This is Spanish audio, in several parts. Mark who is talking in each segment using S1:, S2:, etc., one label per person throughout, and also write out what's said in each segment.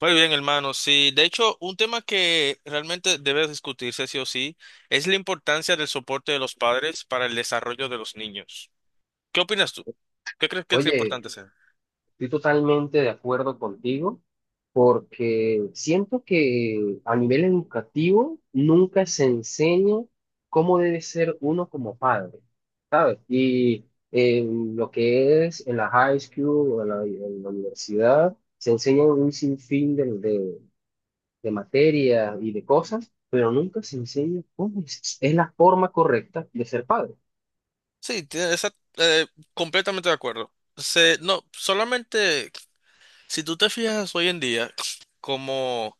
S1: Muy bien, hermano. Sí, de hecho, un tema que realmente debe discutirse sí o sí es la importancia del soporte de los padres para el desarrollo de los niños. ¿Qué opinas tú? ¿Qué crees que es
S2: Oye,
S1: importante ser?
S2: estoy totalmente de acuerdo contigo porque siento que a nivel educativo nunca se enseña cómo debe ser uno como padre, ¿sabes? Y en lo que es en la high school o en la universidad, se enseñan un sinfín de materias y de cosas, pero nunca se enseña cómo es la forma correcta de ser padre,
S1: Sí, tie- esa- eh, Completamente de acuerdo. No, solamente si tú te fijas hoy en día, como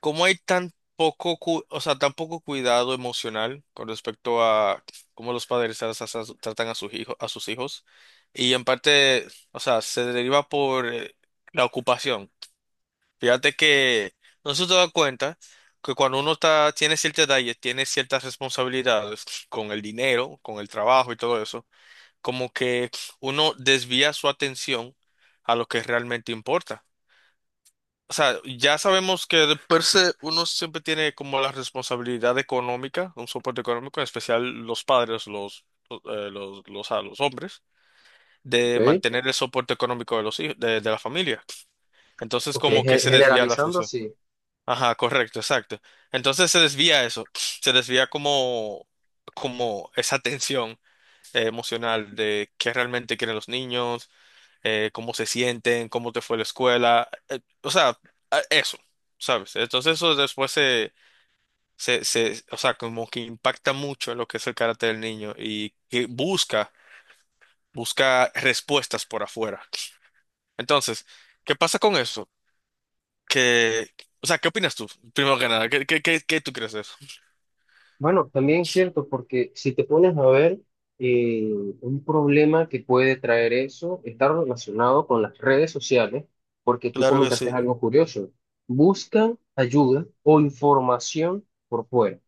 S1: ¿cómo hay tan poco, o sea, tan poco cuidado emocional con respecto a cómo los padres tratan a sus hijos, a sus hijos? Y en parte, o sea, se deriva por la ocupación. Fíjate que no se te da cuenta que cuando uno está, tiene cierta edad y tiene ciertas responsabilidades con el dinero, con el trabajo y todo eso, como que uno desvía su atención a lo que realmente importa. O sea, ya sabemos que de per se uno siempre tiene como la responsabilidad económica, un soporte económico, en especial los padres, a los hombres, de
S2: ¿ok?
S1: mantener el soporte económico de los hijos, de la familia. Entonces,
S2: Porque
S1: como que se desvía la
S2: generalizando,
S1: función.
S2: sí.
S1: Ajá, correcto, exacto. Entonces se desvía eso, se desvía como esa tensión emocional de qué realmente quieren los niños, cómo se sienten, cómo te fue la escuela, o sea, eso, ¿sabes? Entonces eso después, o sea, como que impacta mucho en lo que es el carácter del niño y que busca, busca respuestas por afuera. Entonces, ¿qué pasa con eso? Que, o sea, ¿qué opinas tú? Primero que nada, ¿qué tú crees de eso?
S2: Bueno, también es cierto, porque si te pones a ver, eh, un problema que puede traer eso está relacionado con las redes sociales, porque tú
S1: Claro que
S2: comentaste
S1: sí,
S2: algo curioso. Buscan ayuda o información por fuera.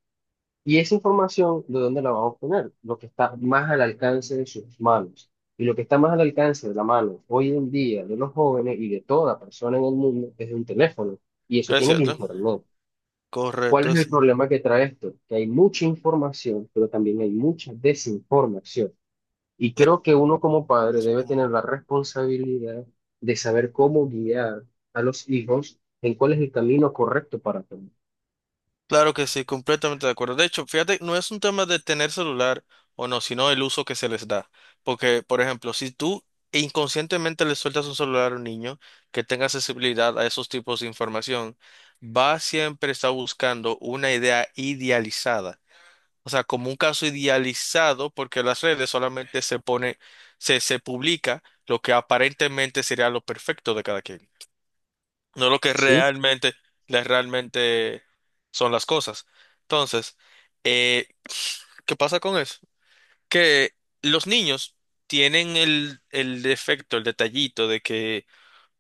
S2: Y esa información, ¿de dónde la van a obtener? Lo que está más al alcance de sus manos. Y lo que está más al alcance de la mano hoy en día de los jóvenes y de toda persona en el mundo es de un teléfono. Y eso
S1: es
S2: tiene el
S1: cierto.
S2: internet. ¿Cuál
S1: Correcto,
S2: es el problema que trae esto? Que hay mucha información, pero también hay mucha desinformación. Y creo que uno como padre
S1: es-
S2: debe tener la responsabilidad de saber cómo guiar a los hijos en cuál es el camino correcto para tomar.
S1: claro que sí, completamente de acuerdo. De hecho, fíjate, no es un tema de tener celular o no, sino el uso que se les da. Porque, por ejemplo, si tú inconscientemente le sueltas un celular a un niño que tenga accesibilidad a esos tipos de información, va siempre estar buscando una idea idealizada. O sea, como un caso idealizado, porque las redes solamente se publica lo que aparentemente sería lo perfecto de cada quien, no lo que
S2: Sí,
S1: realmente, realmente son las cosas. Entonces, eh, ¿qué pasa con eso? Que los niños tienen el defecto, el detallito de que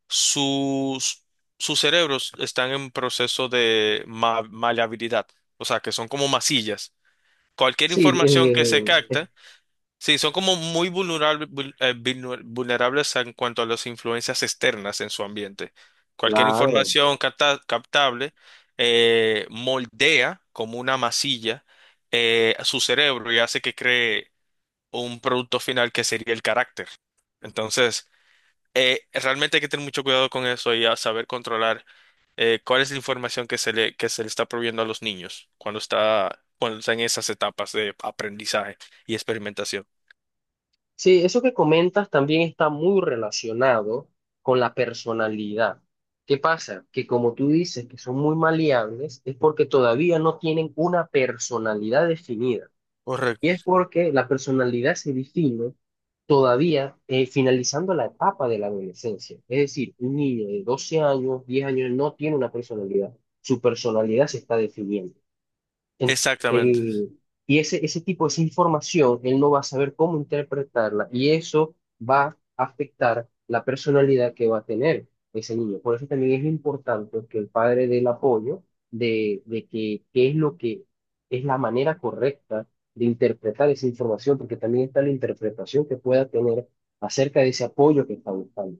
S1: sus, sus cerebros están en proceso de maleabilidad, o sea, que son como masillas. Cualquier
S2: sí,
S1: información que se
S2: es
S1: capta. Sí, son como muy vulnerables en cuanto a las influencias externas en su ambiente. Cualquier
S2: claro.
S1: información captable moldea como una masilla, su cerebro, y hace que cree un producto final que sería el carácter. Entonces, realmente hay que tener mucho cuidado con eso y a saber controlar cuál es la información que se le está proveyendo a los niños cuando está en esas etapas de aprendizaje y experimentación.
S2: Sí, eso que comentas también está muy relacionado con la personalidad. ¿Qué pasa? Que como tú dices que son muy maleables, es porque todavía no tienen una personalidad definida. Y
S1: Correcto.
S2: es porque la personalidad se define todavía finalizando la etapa de la adolescencia. Es decir, un niño de 12 años, 10 años no tiene una personalidad. Su personalidad se está definiendo. En-
S1: Exactamente,
S2: el- y ese tipo, esa información, él no va a saber cómo interpretarla y eso va a afectar la personalidad que va a tener ese niño. Por eso también es importante que el padre dé el apoyo de que qué es lo que es la manera correcta de interpretar esa información, porque también está la interpretación que pueda tener acerca de ese apoyo que está buscando.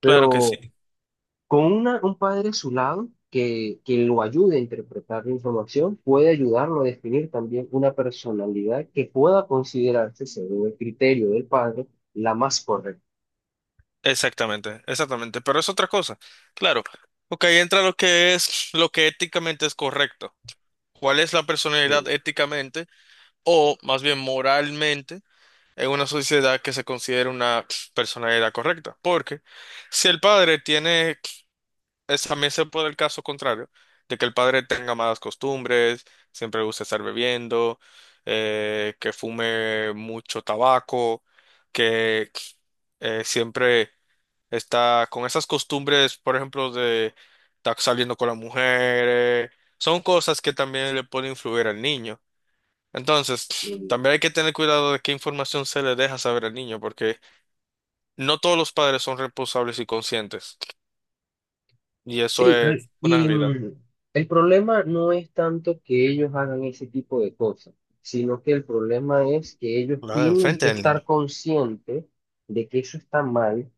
S1: claro que sí,
S2: Pero un padre a su lado que lo ayude a interpretar la información puede ayudarlo a definir también una personalidad que pueda considerarse, según el criterio del padre, la más correcta.
S1: exactamente, exactamente, pero es otra cosa, claro, ok, entra lo que es, lo que éticamente es correcto, cuál es la personalidad éticamente o más bien moralmente en una sociedad que se considere una personalidad correcta, porque si el padre tiene también se puede el caso contrario, de que el padre tenga malas costumbres, siempre le gusta estar bebiendo, que fume mucho tabaco, que siempre está con esas costumbres, por ejemplo, de estar saliendo con la mujer, son cosas que también le pueden influir al niño. Entonces, también hay que tener cuidado de qué información se le deja saber al niño, porque no todos los padres son responsables y conscientes, y eso
S2: Sí,
S1: es
S2: re-
S1: una
S2: y
S1: realidad.
S2: mm, el problema no es tanto que ellos hagan ese tipo de cosas, sino que el problema es que ellos
S1: La de
S2: tienen
S1: enfrente
S2: que
S1: del
S2: estar
S1: niño.
S2: conscientes de que eso está mal,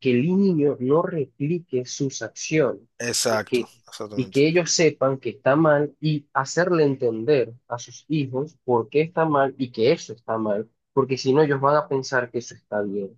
S2: que el niño no replique sus acciones y
S1: Exacto,
S2: que, y
S1: exactamente.
S2: que ellos sepan que está mal y hacerle entender a sus hijos por qué está mal y que eso está mal, porque si no ellos van a pensar que eso está bien.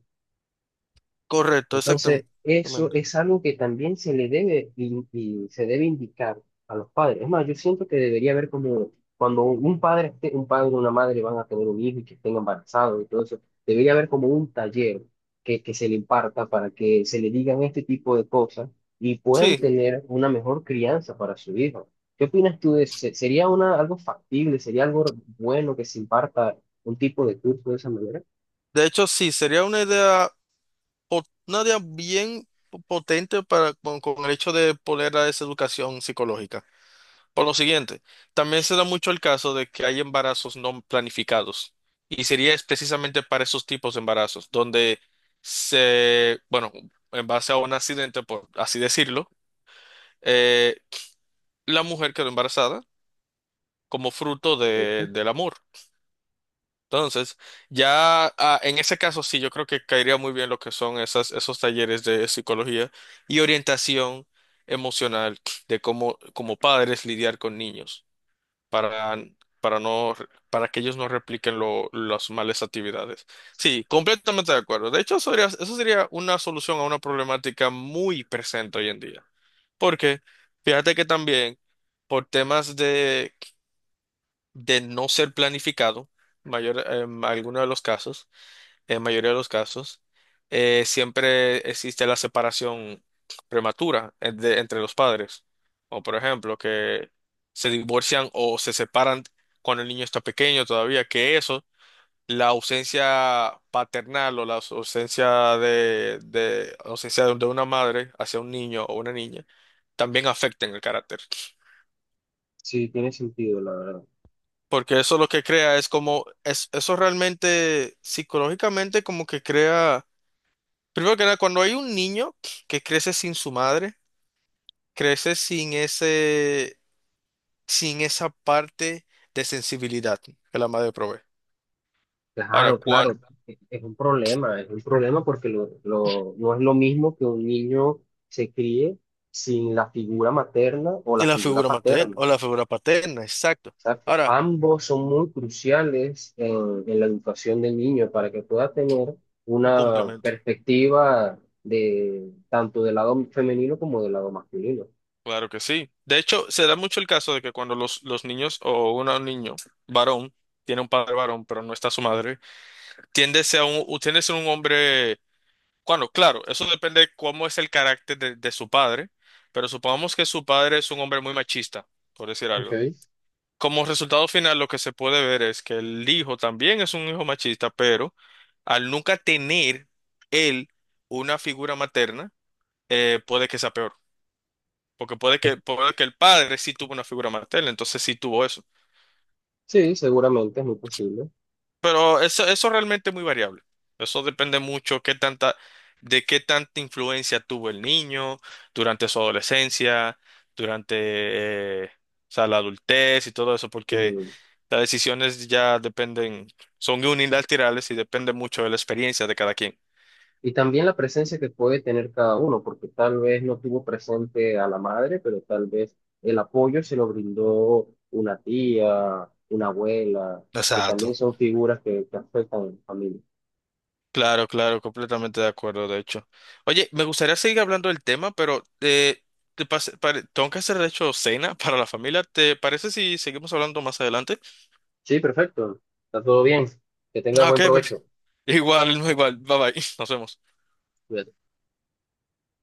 S1: Correcto,
S2: Entonces,
S1: exactamente.
S2: eso es algo que también se le debe in- y, se debe indicar a los padres. Es más, yo siento que debería haber como cuando un padre o una madre van a tener un hijo y que estén embarazados y todo eso, debería haber como un taller que se le imparta para que se le digan este tipo de cosas y puedan
S1: Sí,
S2: tener una mejor crianza para su hijo. ¿Qué opinas tú de eso? ¿Sería algo factible? ¿Sería algo bueno que se imparta un tipo de curso de esa manera?
S1: de hecho sí, sería una idea, una idea bien potente para, con el hecho de poner a esa educación psicológica. Por lo siguiente, también se da mucho el caso de que hay embarazos no planificados y sería es precisamente para esos tipos de embarazos, donde se, bueno, en base a un accidente, por así decirlo, eh, la mujer quedó embarazada como fruto
S2: Perfecto.
S1: del amor. Entonces, ya en ese caso sí, yo creo que caería muy bien lo que son esos talleres de psicología y orientación emocional de cómo, como padres lidiar con niños para, para no, para que ellos no repliquen las malas actividades. Sí, completamente de acuerdo. De hecho, eso sería una solución a una problemática muy presente hoy en día. Porque fíjate que también por temas de no ser planificado, mayor, en algunos de los casos, en mayoría de los casos, siempre existe la separación prematura entre los padres. O por ejemplo, que se divorcian o se separan cuando el niño está pequeño todavía, que eso, la ausencia paternal o la ausencia de una madre hacia un niño o una niña, también afecta en el carácter.
S2: Sí, tiene sentido, la verdad.
S1: Porque eso lo que crea es como, es, eso realmente psicológicamente como que crea, primero que nada, cuando hay un niño que crece sin su madre, crece sin ese, sin esa parte de sensibilidad que la madre provee. Ahora,
S2: Claro,
S1: cuando,
S2: claro, es un problema porque no es lo mismo que un niño se críe sin la figura materna o
S1: y
S2: la
S1: la
S2: figura
S1: figura materna,
S2: paterna.
S1: o la figura paterna, exacto.
S2: Exacto.
S1: Ahora,
S2: Ambos son muy cruciales en la educación del niño para que pueda tener
S1: un
S2: una
S1: complemento.
S2: perspectiva de tanto del lado femenino como del lado masculino.
S1: Claro que sí. De hecho, se da mucho el caso de que cuando los niños o un niño varón tiene un padre varón, pero no está su madre, tiende a ser un hombre. Bueno, claro, eso depende de cómo es el carácter de su padre, pero supongamos que su padre es un hombre muy machista, por decir
S2: Ok.
S1: algo. Como resultado final, lo que se puede ver es que el hijo también es un hijo machista, pero al nunca tener él una figura materna, puede que sea peor, porque puede que el padre sí tuvo una figura materna, entonces sí tuvo eso.
S2: Sí, seguramente es muy posible.
S1: Pero eso realmente es muy variable. Eso depende mucho qué tanta, de qué tanta influencia tuvo el niño durante su adolescencia, durante, eh, o sea, la adultez y todo eso, porque
S2: eh,
S1: las decisiones ya dependen, son unilaterales y depende mucho de la experiencia de cada quien.
S2: Y también la presencia que puede tener cada uno, porque tal vez no tuvo presente a la madre, pero tal vez el apoyo se lo brindó una tía, una abuela, que también
S1: Exacto.
S2: son figuras que afectan a la familia.
S1: Claro, claro, completamente de acuerdo, de hecho. Oye, me gustaría seguir hablando del tema, pero tengo que hacer, de hecho, cena para la familia. ¿Te parece si seguimos hablando más adelante?
S2: Sí, perfecto. Está todo bien. Que tengas
S1: Ah, ok,
S2: buen
S1: perfecto.
S2: provecho.
S1: Igual, no, igual. Bye bye. Nos vemos.
S2: Cuídate.